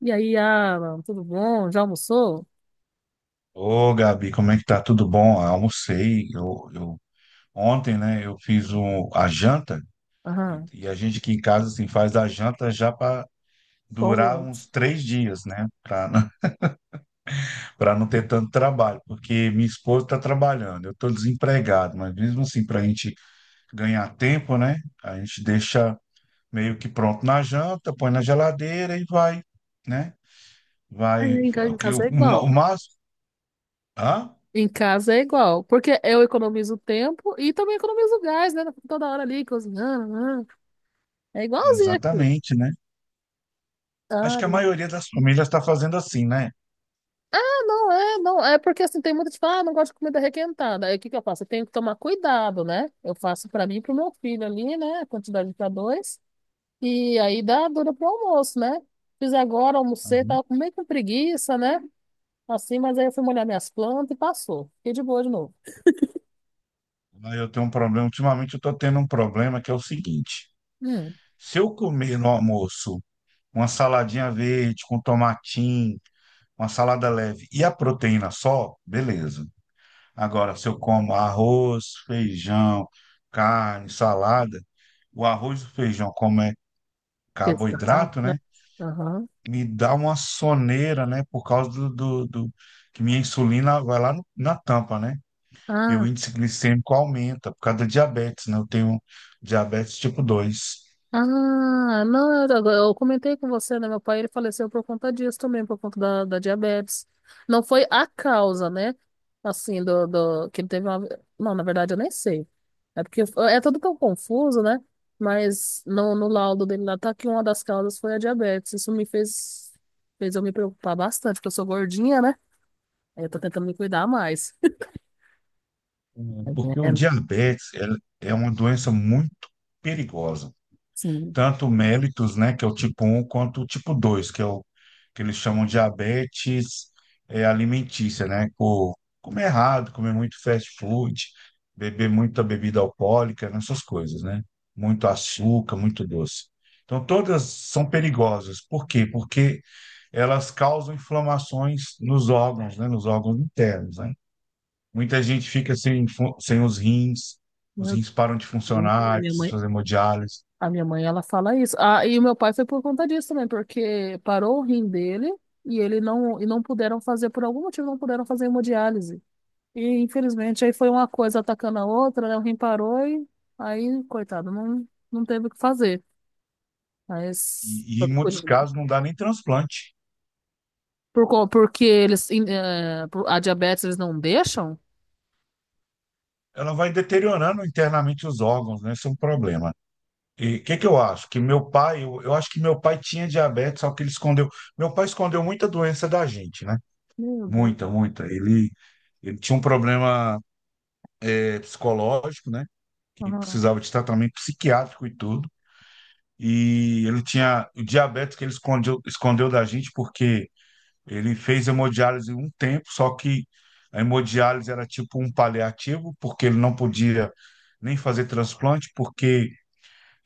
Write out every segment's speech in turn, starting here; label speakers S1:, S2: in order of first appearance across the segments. S1: E aí, Alan, tudo bom? Já almoçou?
S2: Ô, Gabi, como é que tá? Tudo bom? Almocei. Eu ontem, né, eu fiz a janta e,
S1: Aham,
S2: e a gente aqui em casa assim, faz a janta já para
S1: qual
S2: durar
S1: mês?
S2: uns 3 dias, né? Para não, Para não ter tanto trabalho, porque minha esposa está trabalhando, eu estou desempregado, mas mesmo assim, para a gente ganhar tempo, né? A gente deixa meio que pronto na janta, põe na geladeira e vai, né? Vai.
S1: Aí,
S2: O,
S1: em
S2: que- o,
S1: casa é
S2: o
S1: igual.
S2: máximo. Hã?
S1: Em casa é igual, porque eu economizo tempo e também economizo gás, né? Toda hora ali cozinhando. Aham. É igualzinho aqui.
S2: Exatamente, né? Acho
S1: Ah,
S2: que a maioria das famílias está fazendo assim, né?
S1: não é, não. É porque assim, tem muita gente que fala, ah, não gosto de comida requentada. Aí o que que eu faço? Eu tenho que tomar cuidado, né? Eu faço pra mim e pro meu filho ali, né? A quantidade pra dois. E aí dá dura pro almoço, né? Fiz agora, almocei,
S2: Uhum.
S1: tava com meio com preguiça, né? Assim, mas aí eu fui molhar minhas plantas e passou. Fiquei de boa de novo.
S2: Mas eu tenho um problema, ultimamente eu estou tendo um problema que é o seguinte:
S1: Hum,
S2: se eu comer no almoço uma saladinha verde com tomatinho, uma salada leve e a proteína só, beleza. Agora, se eu como arroz, feijão, carne, salada, o arroz e o feijão, como é
S1: exato,
S2: carboidrato,
S1: né?
S2: né?
S1: Aham.
S2: Me dá uma soneira, né? Por causa do que minha insulina vai lá na tampa, né? E o
S1: Ah,
S2: índice glicêmico aumenta por causa da diabetes, né? Eu tenho diabetes tipo 2.
S1: ah, não, eu comentei com você, né? Meu pai, ele faleceu por conta disso também, por conta da diabetes. Não foi a causa, né? Assim, que ele teve uma... Não, na verdade, eu nem sei. É porque é tudo tão confuso, né? Mas no laudo dele lá tá que uma das causas foi a diabetes. Isso me fez, fez eu me preocupar bastante, porque eu sou gordinha, né? Aí eu tô tentando me cuidar mais.
S2: O- Porque o
S1: É,
S2: diabetes é é uma doença muito perigosa.
S1: sim,
S2: Tanto o mellitus, né, que é o tipo 1, quanto o tipo 2, que é o que eles chamam de diabetes alimentícia, né? Por comer errado, comer muito fast food, beber muita bebida alcoólica, né? Essas coisas, né? Muito açúcar, muito doce. Então, todas são perigosas. Por quê? Porque elas causam inflamações nos órgãos, né, nos órgãos internos, né? Muita gente fica sem, sem os rins, os
S1: meu
S2: rins param de
S1: Deus,
S2: funcionar, precisa fazer hemodiálise,
S1: a minha mãe, ela fala isso. Ah, e o meu pai foi por conta disso também, porque parou o rim dele e ele não, e não puderam fazer, por algum motivo, não puderam fazer hemodiálise. E infelizmente aí foi uma coisa atacando a outra, né? O rim parou e aí, coitado, não, não teve o que fazer. Mas
S2: e
S1: por,
S2: em muitos casos não dá nem transplante.
S1: porque eles, a diabetes eles não deixam?
S2: Ela vai deteriorando internamente os órgãos, né? Isso é um problema. E o que que eu acho? Que meu pai, eu acho que meu pai tinha diabetes, só que ele escondeu. Meu pai escondeu muita doença da gente, né?
S1: Meu Deus.
S2: Muita, muita. Ele tinha um problema psicológico, né? Que
S1: Ah,
S2: precisava de tratamento psiquiátrico e tudo. E ele tinha o diabetes que ele escondeu, escondeu da gente porque ele fez hemodiálise um tempo, só que a hemodiálise era tipo um paliativo, porque ele não podia nem fazer transplante, porque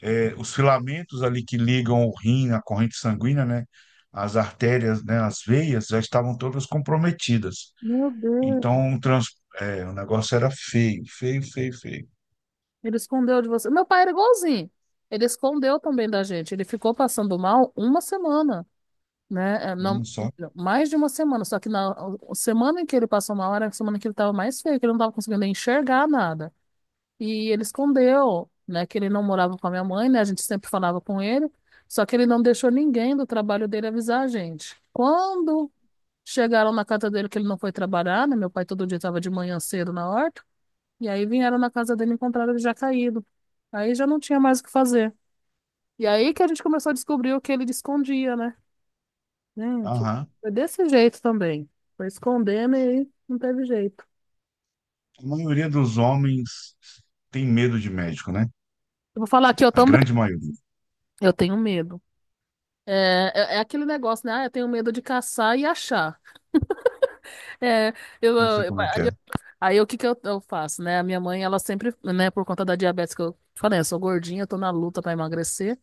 S2: os filamentos ali que ligam o rim à corrente sanguínea, né, as artérias, né, as veias, já estavam todas comprometidas.
S1: meu
S2: Então,
S1: Deus.
S2: um trans, o negócio era feio, feio, feio, feio.
S1: Ele escondeu de você. Meu pai era igualzinho. Ele escondeu também da gente. Ele ficou passando mal uma semana, né? É,
S2: Olha
S1: não,
S2: só.
S1: não, mais de uma semana. Só que na A semana em que ele passou mal era a semana que ele estava mais feio, que ele não estava conseguindo enxergar nada. E ele escondeu, né? Que ele não morava com a minha mãe, né? A gente sempre falava com ele. Só que ele não deixou ninguém do trabalho dele avisar a gente. Quando chegaram na casa dele que ele não foi trabalhar, né? Meu pai todo dia estava de manhã cedo na horta. E aí vieram na casa dele e encontraram ele já caído. Aí já não tinha mais o que fazer. E aí que a gente começou a descobrir o que ele escondia, né? Gente,
S2: Aham.
S1: foi desse jeito também. Foi escondendo e aí não teve jeito.
S2: A maioria dos homens tem medo de médico, né?
S1: Eu vou falar aqui, eu
S2: A
S1: também.
S2: grande maioria.
S1: Eu tenho medo. É aquele negócio, né? Ah, eu tenho medo de caçar e achar. É, eu,
S2: Eu sei
S1: eu-
S2: como é que
S1: aí
S2: é.
S1: eu- Aí o que que eu faço, né? A minha mãe, ela sempre, né, por conta da diabetes que eu falei, eu sou gordinha, eu tô na luta pra emagrecer.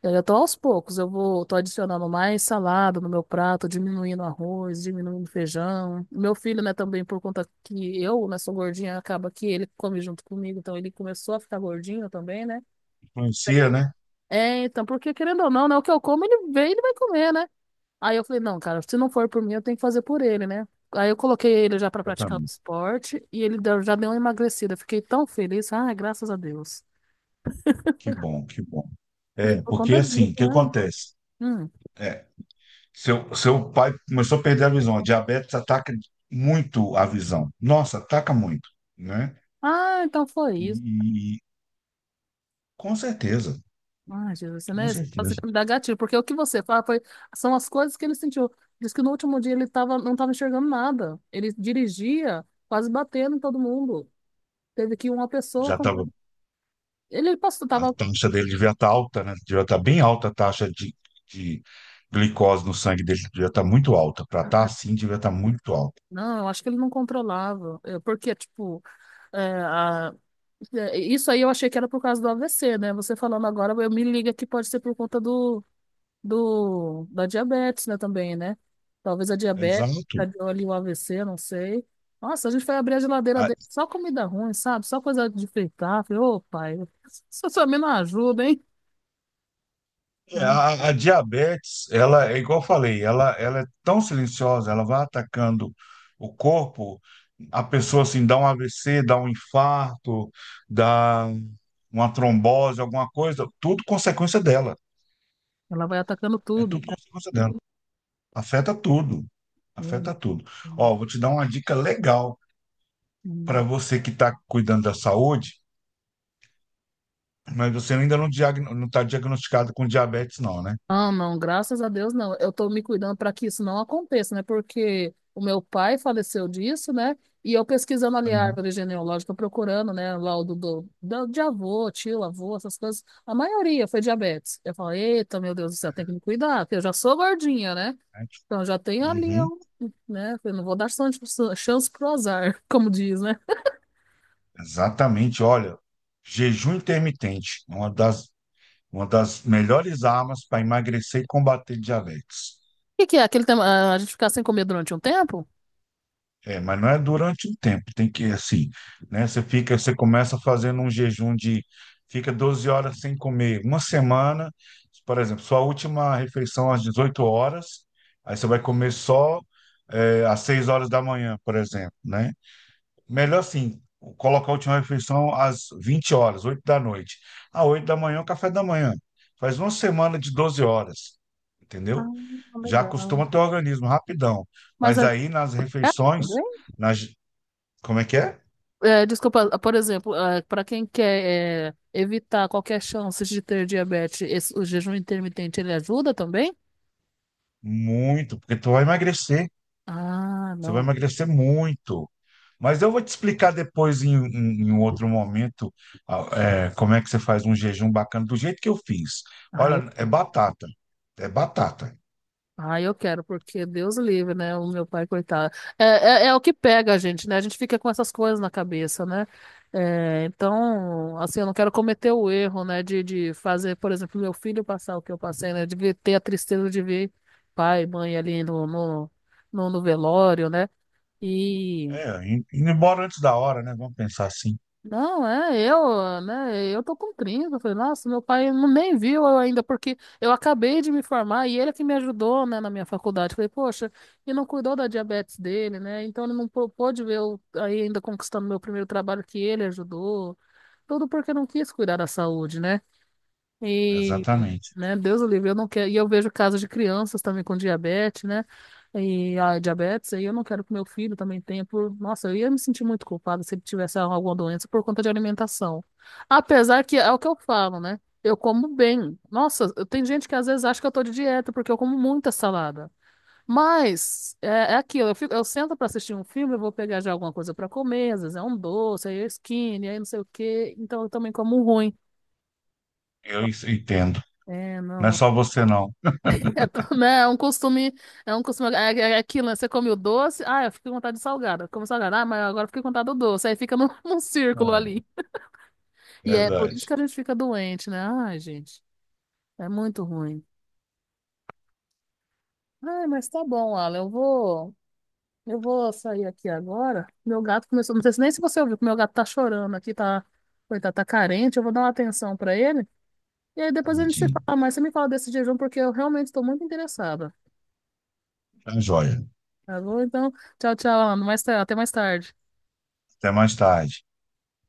S1: Eu já tô aos poucos, tô adicionando mais salada no meu prato, diminuindo arroz, diminuindo feijão. Meu filho, né, também por conta que eu, né, sou gordinha, acaba que ele come junto comigo, então ele começou a ficar gordinho também, né?
S2: Influencia, né?
S1: É, então, porque querendo ou não, né, o que eu como, ele vem, ele vai comer, né? Aí eu falei, não, cara, se não for por mim, eu tenho que fazer por ele, né? Aí eu coloquei ele já pra praticar o
S2: Exatamente.
S1: esporte e já deu uma emagrecida. Fiquei tão feliz, ah, graças a Deus.
S2: Que bom, que bom.
S1: E
S2: É,
S1: por conta
S2: porque assim, o
S1: disso,
S2: que
S1: né?
S2: acontece?
S1: Hum.
S2: É, seu pai começou a perder a visão. A diabetes ataca muito a visão. Nossa, ataca muito, né?
S1: Ah, então foi
S2: E,
S1: isso.
S2: e- com certeza,
S1: Ai, Jesus, você, né?
S2: com
S1: Esse caso
S2: certeza.
S1: me dá gatilho, porque o que você fala foi, são as coisas que ele sentiu. Diz que no último dia ele tava, não estava enxergando nada. Ele dirigia, quase batendo em todo mundo. Teve que uma pessoa.
S2: Já
S1: Com-
S2: estava,
S1: Ele passou,
S2: a
S1: tava.
S2: taxa dele devia estar alta, né? Devia estar bem alta a taxa de glicose no sangue dele, devia estar muito alta. Para estar assim, devia estar muito alta.
S1: Não, eu acho que ele não controlava. É, porque, tipo, é, a- é, isso aí eu achei que era por causa do AVC, né? Você falando agora, eu me liga que pode ser por conta da diabetes, né, também, né? Talvez a diabetes
S2: Exato.
S1: deu ali o AVC, não sei. Nossa, a gente foi abrir a geladeira dele, só comida ruim, sabe? Só coisa de fritar. Falei, ô, pai, isso também não ajuda, hein?
S2: É,
S1: Ah,
S2: a diabetes, ela, é igual eu falei, ela é tão silenciosa, ela vai atacando o corpo, a pessoa assim dá um AVC, dá um infarto, dá uma trombose, alguma coisa, tudo consequência dela.
S1: ela vai atacando
S2: É
S1: tudo.
S2: tudo consequência dela. Afeta tudo.
S1: Hum,
S2: Afeta tudo.
S1: hum,
S2: Ó, vou te dar uma dica legal para
S1: hum.
S2: você que está cuidando da saúde, mas você ainda não está diagnosticado com diabetes, não, né?
S1: Ah, não, graças a Deus não. Eu tô me cuidando para que isso não aconteça, né? Porque o meu pai faleceu disso, né? E eu pesquisando ali a
S2: Uhum.
S1: árvore genealógica, procurando, né? Lá o de avô, tio, avô, essas coisas. A maioria foi diabetes. Eu falei, eita, meu Deus do céu, tem que me cuidar, porque eu já sou gordinha, né? Então já tenho ali,
S2: Uhum.
S1: um, né? Eu não vou dar chance, chance pro azar, como diz, né? O
S2: Exatamente, olha, jejum intermitente, é uma das melhores armas para emagrecer e combater diabetes.
S1: que que é aquele tema? Ah, a gente ficar sem comer durante um tempo?
S2: É, mas não é durante um tempo, tem que assim, né? Você fica, você começa fazendo um jejum de fica 12 horas sem comer, uma semana, por exemplo, sua última refeição às 18 horas, aí você vai comer só às 6 horas da manhã, por exemplo, né? Melhor assim, colocar a última refeição às 20 horas, 8 da noite. À 8 da manhã, é o café da manhã. Faz uma semana de 12 horas,
S1: Ah,
S2: entendeu? Já
S1: legal.
S2: acostuma teu organismo rapidão.
S1: Mas
S2: Mas
S1: é,
S2: aí nas
S1: é
S2: refeições, nas... como é que é?
S1: É, desculpa, por exemplo, para quem quer é, evitar qualquer chance de ter diabetes, o jejum intermitente ele ajuda também?
S2: Muito, porque tu vai emagrecer.
S1: Ah,
S2: Você vai
S1: não.
S2: emagrecer muito. Mas eu vou te explicar depois, em um outro momento, a- como é que você faz um jejum bacana, do jeito que eu fiz.
S1: Ah, eu,
S2: Olha, é batata. É batata.
S1: ah, eu quero, porque Deus livre, né? O meu pai, coitado. É o que pega a gente, né? A gente fica com essas coisas na cabeça, né? É, então, assim, eu não quero cometer o erro, né? De fazer, por exemplo, meu filho passar o que eu passei, né? Ter a tristeza de ver pai, mãe ali no velório, né?
S2: É, indo embora antes da hora, né? Vamos pensar assim.
S1: Não, é, eu, né, eu tô com 30, eu falei, nossa, meu pai não- nem viu eu ainda, porque eu acabei de me formar e ele é que me ajudou, né, na minha faculdade. Eu falei, poxa, e não cuidou da diabetes dele, né, então ele não pôde ver eu aí ainda conquistando meu primeiro trabalho que ele ajudou, tudo porque não quis cuidar da saúde, né. E,
S2: Exatamente.
S1: né, Deus o livre, eu não quero. E eu vejo casos de crianças também com diabetes, né? E a diabetes, aí eu não quero que meu filho também tenha por. Nossa, eu ia me sentir muito culpada se ele tivesse alguma doença por conta de alimentação. Apesar que é o que eu falo, né? Eu como bem. Nossa, tem gente que às vezes acha que eu tô de dieta porque eu como muita salada. Mas é, é aquilo, eu fico, eu sento pra assistir um filme, eu vou pegar já alguma coisa pra comer, às vezes é um doce, aí é skinny, aí não sei o quê. Então eu também como ruim.
S2: Eu
S1: Então,
S2: entendo.
S1: é,
S2: Não é
S1: não.
S2: só você, não.
S1: É, né, é um costume, é um costume, é aquilo, né? Você come o doce, ah, eu fiquei com vontade de salgada, como salgada, ah, mas agora eu fiquei com vontade do doce, aí fica num, num círculo ali.
S2: É,
S1: E é por isso que
S2: verdade.
S1: a gente fica doente, né? Ai, gente, é muito ruim. Ai, mas tá bom, Alan, eu vou sair aqui agora. Meu gato começou, não sei nem se você ouviu, que meu gato tá chorando aqui, tá, coitado, tá carente, eu vou dar uma atenção pra ele. E aí depois a gente se
S2: Tadinho.
S1: fala, mas você me fala desse jejum porque eu realmente estou muito interessada,
S2: Tá joia.
S1: tá bom? Então, tchau, tchau, Alan, mais, até mais tarde.
S2: Até mais tarde.